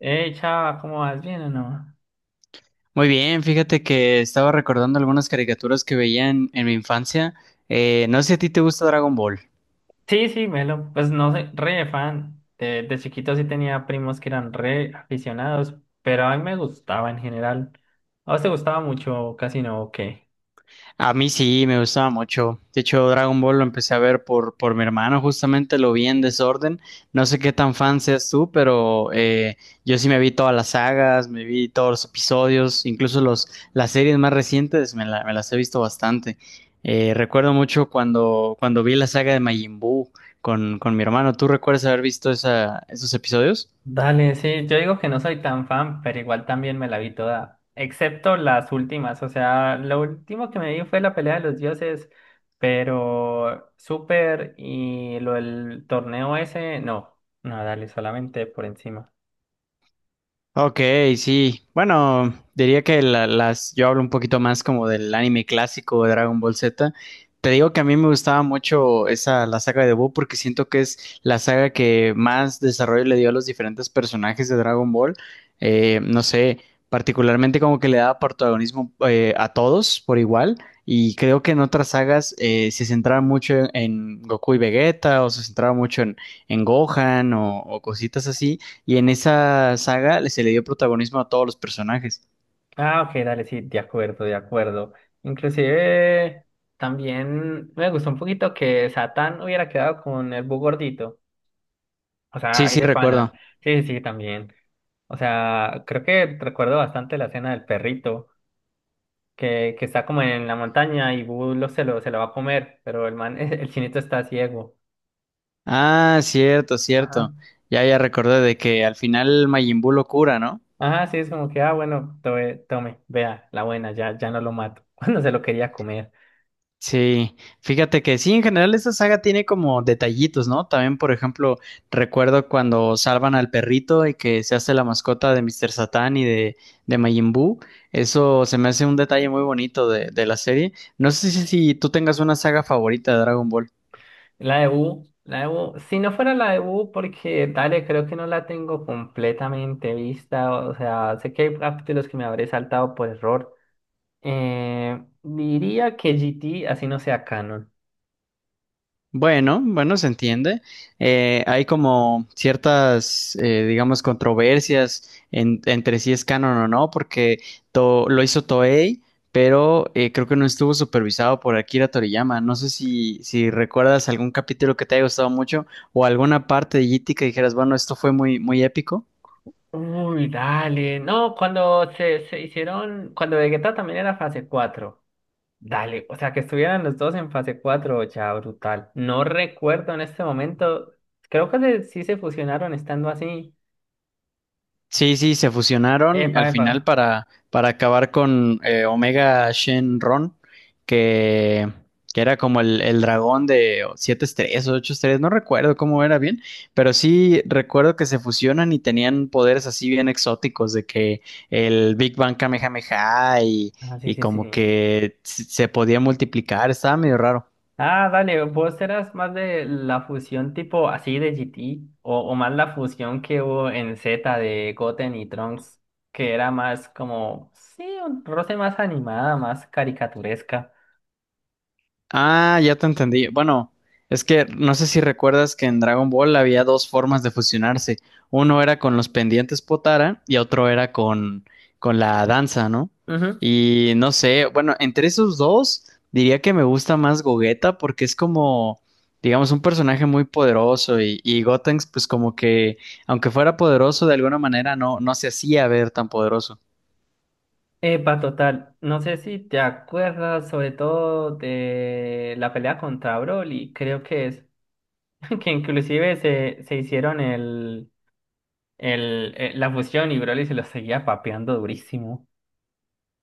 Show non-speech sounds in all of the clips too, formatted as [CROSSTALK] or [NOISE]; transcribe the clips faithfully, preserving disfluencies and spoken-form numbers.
Hey, chava, ¿cómo vas? ¿Bien o no? Muy bien, fíjate que estaba recordando algunas caricaturas que veía en, en mi infancia. Eh, no sé si a ti te gusta Dragon Ball. Sí, sí, Melo, pues no sé, re fan. De, de chiquito sí tenía primos que eran re aficionados, pero a mí me gustaba en general. ¿A vos te gustaba mucho Casino o qué? A mí sí, me gustaba mucho. De hecho, Dragon Ball lo empecé a ver por, por mi hermano, justamente lo vi en desorden. No sé qué tan fan seas tú, pero eh, yo sí me vi todas las sagas, me vi todos los episodios, incluso los, las series más recientes, me, la- me las he visto bastante. Eh, recuerdo mucho cuando, cuando vi la saga de Majin Buu con, con mi hermano. ¿Tú recuerdas haber visto esa, esos episodios? Dale, sí, yo digo que no soy tan fan, pero igual también me la vi toda, excepto las últimas. O sea, lo último que me vi fue la pelea de los dioses, pero Super y lo del torneo ese, no, no, dale, solamente por encima. Ok, sí. Bueno, diría que la- las, yo hablo un poquito más como del anime clásico de Dragon Ball Z. Te digo que a mí me gustaba mucho esa, la saga de Buu porque siento que es la saga que más desarrollo le dio a los diferentes personajes de Dragon Ball. Eh, no sé, particularmente como que le daba protagonismo eh, a todos por igual. Y creo que en otras sagas eh, se centraba mucho en, en Goku y Vegeta, o se centraba mucho en, en Gohan o o cositas así. Y en esa saga se le dio protagonismo a todos los personajes. Ah, ok, dale, sí, de acuerdo, de acuerdo. Inclusive también me gustó un poquito que Satán hubiera quedado con el Bu gordito. O sea, Sí, hay sí, de panas. recuerdo. Sí, sí, sí, también. O sea, creo que recuerdo bastante la escena del perrito que, que está como en la montaña y Bu lo, se lo, se lo va a comer, pero el man, [LAUGHS] el chinito está ciego. Ah, cierto, Ajá. cierto. Ya, ya recordé de que al final Majin Buu lo cura, ¿no? Ajá, sí, es como que, ah, bueno, tome, tome, vea, la buena, ya, ya no lo mato. [LAUGHS] Cuando se lo quería comer. Sí, fíjate que sí, en general esta saga tiene como detallitos, ¿no? También, por ejemplo, recuerdo cuando salvan al perrito y que se hace la mascota de mister Satan y de, de Majin Buu. Eso se me hace un detalle muy bonito de, de la serie. No sé si, si tú tengas una saga favorita de Dragon Ball. La de Wu, la de Wu. Si no fuera la de Wu, porque dale, creo que no la tengo completamente vista. O sea, sé que hay capítulos que me habré saltado por error. Eh, diría que G T, así no sea canon. Bueno, bueno, se entiende. Eh, hay como ciertas, eh, digamos, controversias en- entre si es canon o no, porque to- lo hizo Toei, pero eh, creo que no estuvo supervisado por Akira Toriyama. No sé si, si recuerdas algún capítulo que te haya gustado mucho o alguna parte de G T que dijeras, bueno, esto fue muy, muy épico. Uy, dale. No, cuando se, se hicieron, cuando Vegeta también era fase cuatro. Dale, o sea, que estuvieran los dos en fase cuatro ya brutal. No recuerdo en este momento. Creo que se- sí se fusionaron estando así. Sí, sí, se fusionaron Epa, al epa. final para, para acabar con eh, Omega Shenron, que, que era como el, el dragón de siete estrellas o ocho estrellas, no recuerdo cómo era bien, pero sí recuerdo que se fusionan y tenían poderes así bien exóticos, de que el Big Bang Kamehameha y, Ah, sí, y sí, sí. como que se se podía multiplicar, estaba medio raro. Ah, dale, vos eras más de la fusión tipo así de G T o, o más la fusión que hubo en Z de Goten y Trunks, que era más como, sí, un roce más animada, más caricaturesca. Ah, ya te entendí. Bueno, es que no sé si recuerdas que en Dragon Ball había dos formas de fusionarse. Uno era con los pendientes Potara y otro era con, con la danza, ¿no? Ujú. Y no sé, bueno, entre esos dos diría que me gusta más Gogeta porque es como, digamos, un personaje muy poderoso, y y Gotenks pues como que, aunque fuera poderoso de alguna manera, no, no se hacía ver tan poderoso. Epa, total, no sé si te acuerdas sobre todo de la pelea contra Broly, creo que es, [LAUGHS] que inclusive se, se hicieron el, el, eh, la fusión y Broly se lo seguía papeando durísimo.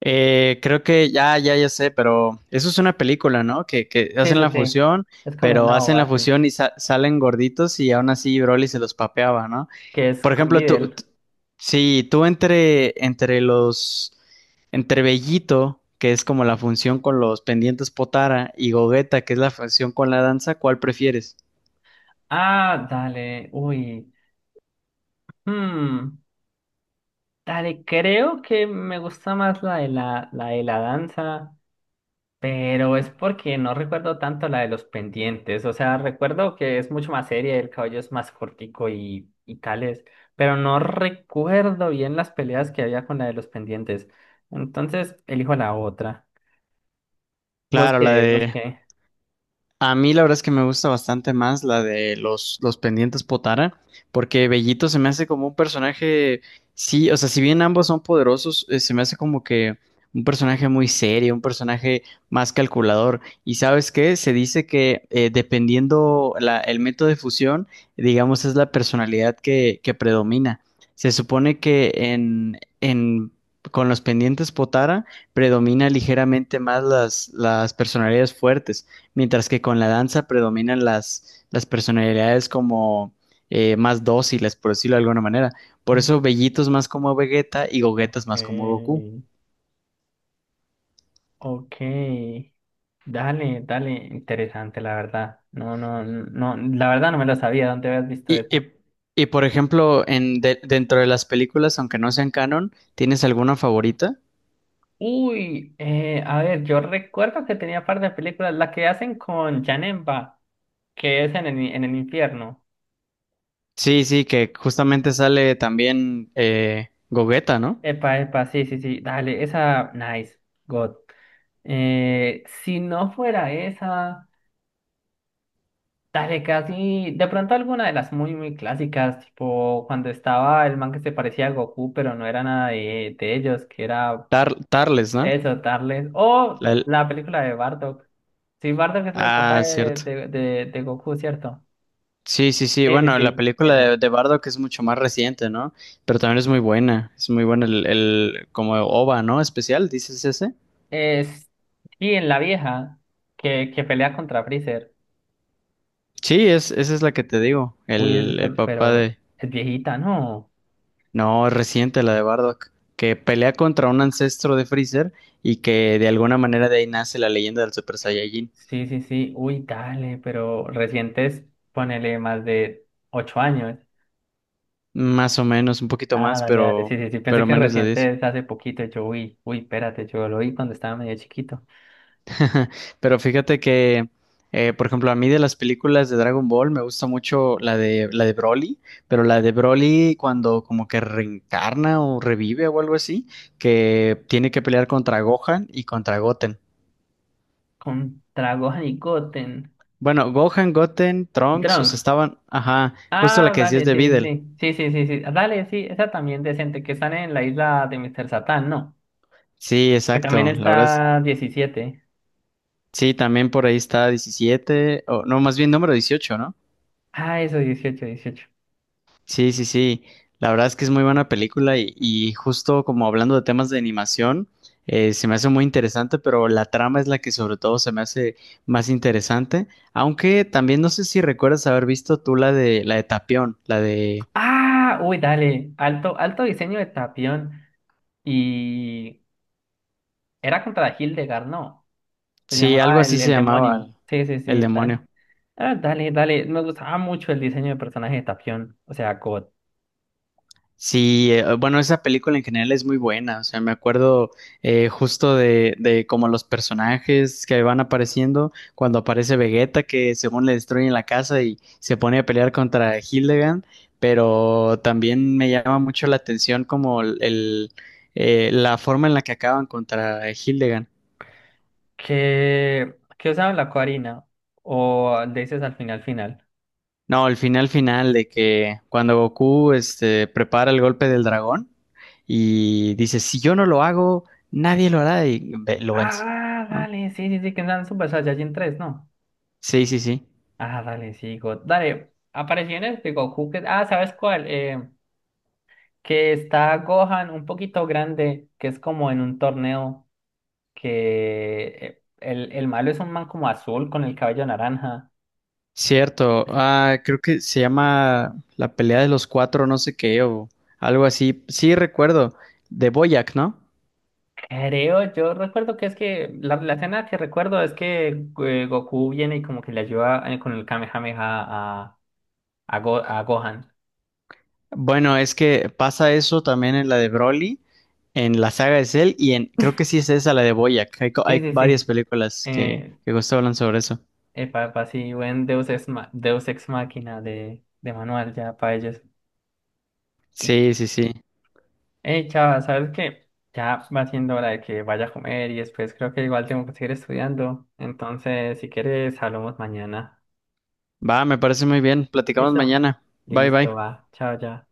Eh, creo que ya, ya, ya sé, pero eso es una película, ¿no? Que, que Sí, hacen sí, la sí, fusión, es como pero una hacen la bobada, sí. fusión y sa- salen gorditos y aún así Broly se los papeaba, ¿no? Que es Por con ejemplo, tú, Videl. t- si tú entre, entre los, entre Bellito, que es como la función con los pendientes Potara, y Gogeta, que es la función con la danza, ¿cuál prefieres? Ah, dale, uy. Hmm, Dale, creo que me gusta más la de la, la de la danza, pero es porque no recuerdo tanto la de los pendientes. O sea, recuerdo que es mucho más seria, el cabello es más cortico y, y tales, pero no recuerdo bien las peleas que había con la de los pendientes. Entonces, elijo la otra. ¿Vos Claro, la qué? ¿Vos de qué? A mí la verdad es que me gusta bastante más la de los, los pendientes Potara, porque Bellito se me hace como un personaje, sí, o sea, si bien ambos son poderosos, eh, se me hace como que un personaje muy serio, un personaje más calculador. Y ¿sabes qué? Se dice que eh, dependiendo la- el método de fusión, digamos, es la personalidad que, que predomina. Se supone que en, en, con los pendientes Potara predomina ligeramente más las, las personalidades fuertes, mientras que con la danza predominan las, las personalidades como eh, más dóciles, por decirlo de alguna manera. Por eso Bellito es más como Vegeta y Gogeta es Ok. más como Goku. Ok, dale, dale, interesante, la verdad. No, no, no, la verdad no me lo sabía. ¿Dónde habías visto Y, eso? y- y, por ejemplo, en, de- dentro de las películas, aunque no sean canon, ¿tienes alguna favorita? Uy, eh, a ver, yo recuerdo que tenía par de películas, la que hacen con Janemba, que es en el, en el infierno. Sí, sí, que justamente sale también eh, Gogeta, ¿no? Epa, epa, sí, sí, sí, dale, esa, nice, God. Eh, si no fuera esa, dale, casi, de pronto alguna de las muy, muy clásicas, tipo cuando estaba el man que se parecía a Goku, pero no era nada de, de ellos, que era. Tar- Tarles, ¿no? Eso, Tarles. O La- la película de Bardock. Sí, Bardock es el papá ah, de, cierto. de, de, de Goku, ¿cierto? Sí, sí, sí. Sí, sí, Bueno, la sí, película esa. de, de Bardock es mucho más reciente, ¿no? Pero también es muy buena. Es muy buena el, el como O V A, ¿no? Especial, ¿dices ese? Es, sí, en la vieja que, que pelea contra Freezer. Sí, es, esa es la que te digo. Uy, es- El, el papá pero de... es viejita, ¿no? No, es reciente la de Bardock. Que pelea contra un ancestro de Freezer y que de alguna manera de ahí nace la leyenda del Super Saiyajin. Sí, sí, sí. Uy, dale, pero recientes, ponele más de ocho años. Más o menos, un poquito Ah, más, dale, dale. pero, Sí, sí, sí. Pensé pero que menos de diez. recientes hace poquito. Yo, uy, uy, espérate, yo lo vi cuando estaba medio chiquito. [LAUGHS] Pero fíjate que, eh, por ejemplo, a mí de las películas de Dragon Ball me gusta mucho la de la de Broly, pero la de Broly cuando como que reencarna o revive o algo así, que tiene que pelear contra Gohan y contra Goten. Contra Gohan y Goten. Bueno, Gohan, Goten, Y Trunks, o sea, Trunks. estaban, ajá, justo la Ah, que decías dale, de sí, sí, Videl. sí. Sí, sí, sí, sí. Dale, sí, esa también decente, que están en la isla de míster Satán, ¿no? Sí, Que también exacto. La verdad es, está diecisiete. sí, también por ahí está diecisiete o no, más bien número dieciocho, ¿no? Ah, eso, dieciocho, dieciocho. Sí, sí, sí. La verdad es que es muy buena película, y, y justo como hablando de temas de animación, eh, se me hace muy interesante, pero la trama es la que sobre todo se me hace más interesante. Aunque también no sé si recuerdas haber visto tú la de la de Tapión, la de... Ah, uy, dale. Alto, alto diseño de Tapión. Y era contra Hildegard, ¿no? Se Sí, algo llamaba el, así se el llamaba demonio. el Sí, sí, el sí, dale. demonio. Ah, dale, dale. Me gustaba mucho el diseño de personaje de Tapión. O sea, God. Sí, eh, bueno, esa película en general es muy buena, o sea, me acuerdo eh, justo de, de como los personajes que van apareciendo, cuando aparece Vegeta que según le destruyen la casa y se pone a pelear contra Hildegard, pero también me llama mucho la atención como el, el, eh, la forma en la que acaban contra Hildegard. Que, que usaban la Coarina. O le dices al final, final. No, el final final de que cuando Goku este, prepara el golpe del dragón y dice, si yo no lo hago, nadie lo hará, y ve- lo vence, Ah, ¿no? dale, sí, sí, sí, que eran Super Saiyajin tres, ¿no? Sí, sí, sí. Ah, dale, sí, Go- dale, apariciones en este Goku que... Ah, ¿sabes cuál? Eh, que está Gohan un poquito grande, que es como en un torneo, que eh, el, el malo es un man como azul con el cabello naranja. Cierto. Ah, creo que se llama la pelea de los cuatro, no sé qué, o algo así. Sí, recuerdo, de Boyac, ¿no? Creo, yo recuerdo que es que la, la escena que recuerdo es que eh, Goku viene y como que le ayuda eh, con el Kamehameha a, a, Go- a Gohan. Bueno, es que pasa eso también en la de Broly, en la saga de Cell, y en, creo que sí es esa la de Boyac. Hay, co- Sí, hay sí, varias sí. películas que, Eh, que justo hablan sobre eso. Epa, epa, sí, buen Deus Ex, Ma- Deus Ex Máquina de, de manual ya para ellos. Y, Sí, sí, sí. hey, chava, ¿sabes qué? Ya va siendo hora de que vaya a comer y después creo que igual tengo que seguir estudiando. Entonces, si quieres, hablamos mañana. Va, me parece muy bien. Platicamos ¿Listo? mañana. Bye, Listo, bye. va. Chao, ya.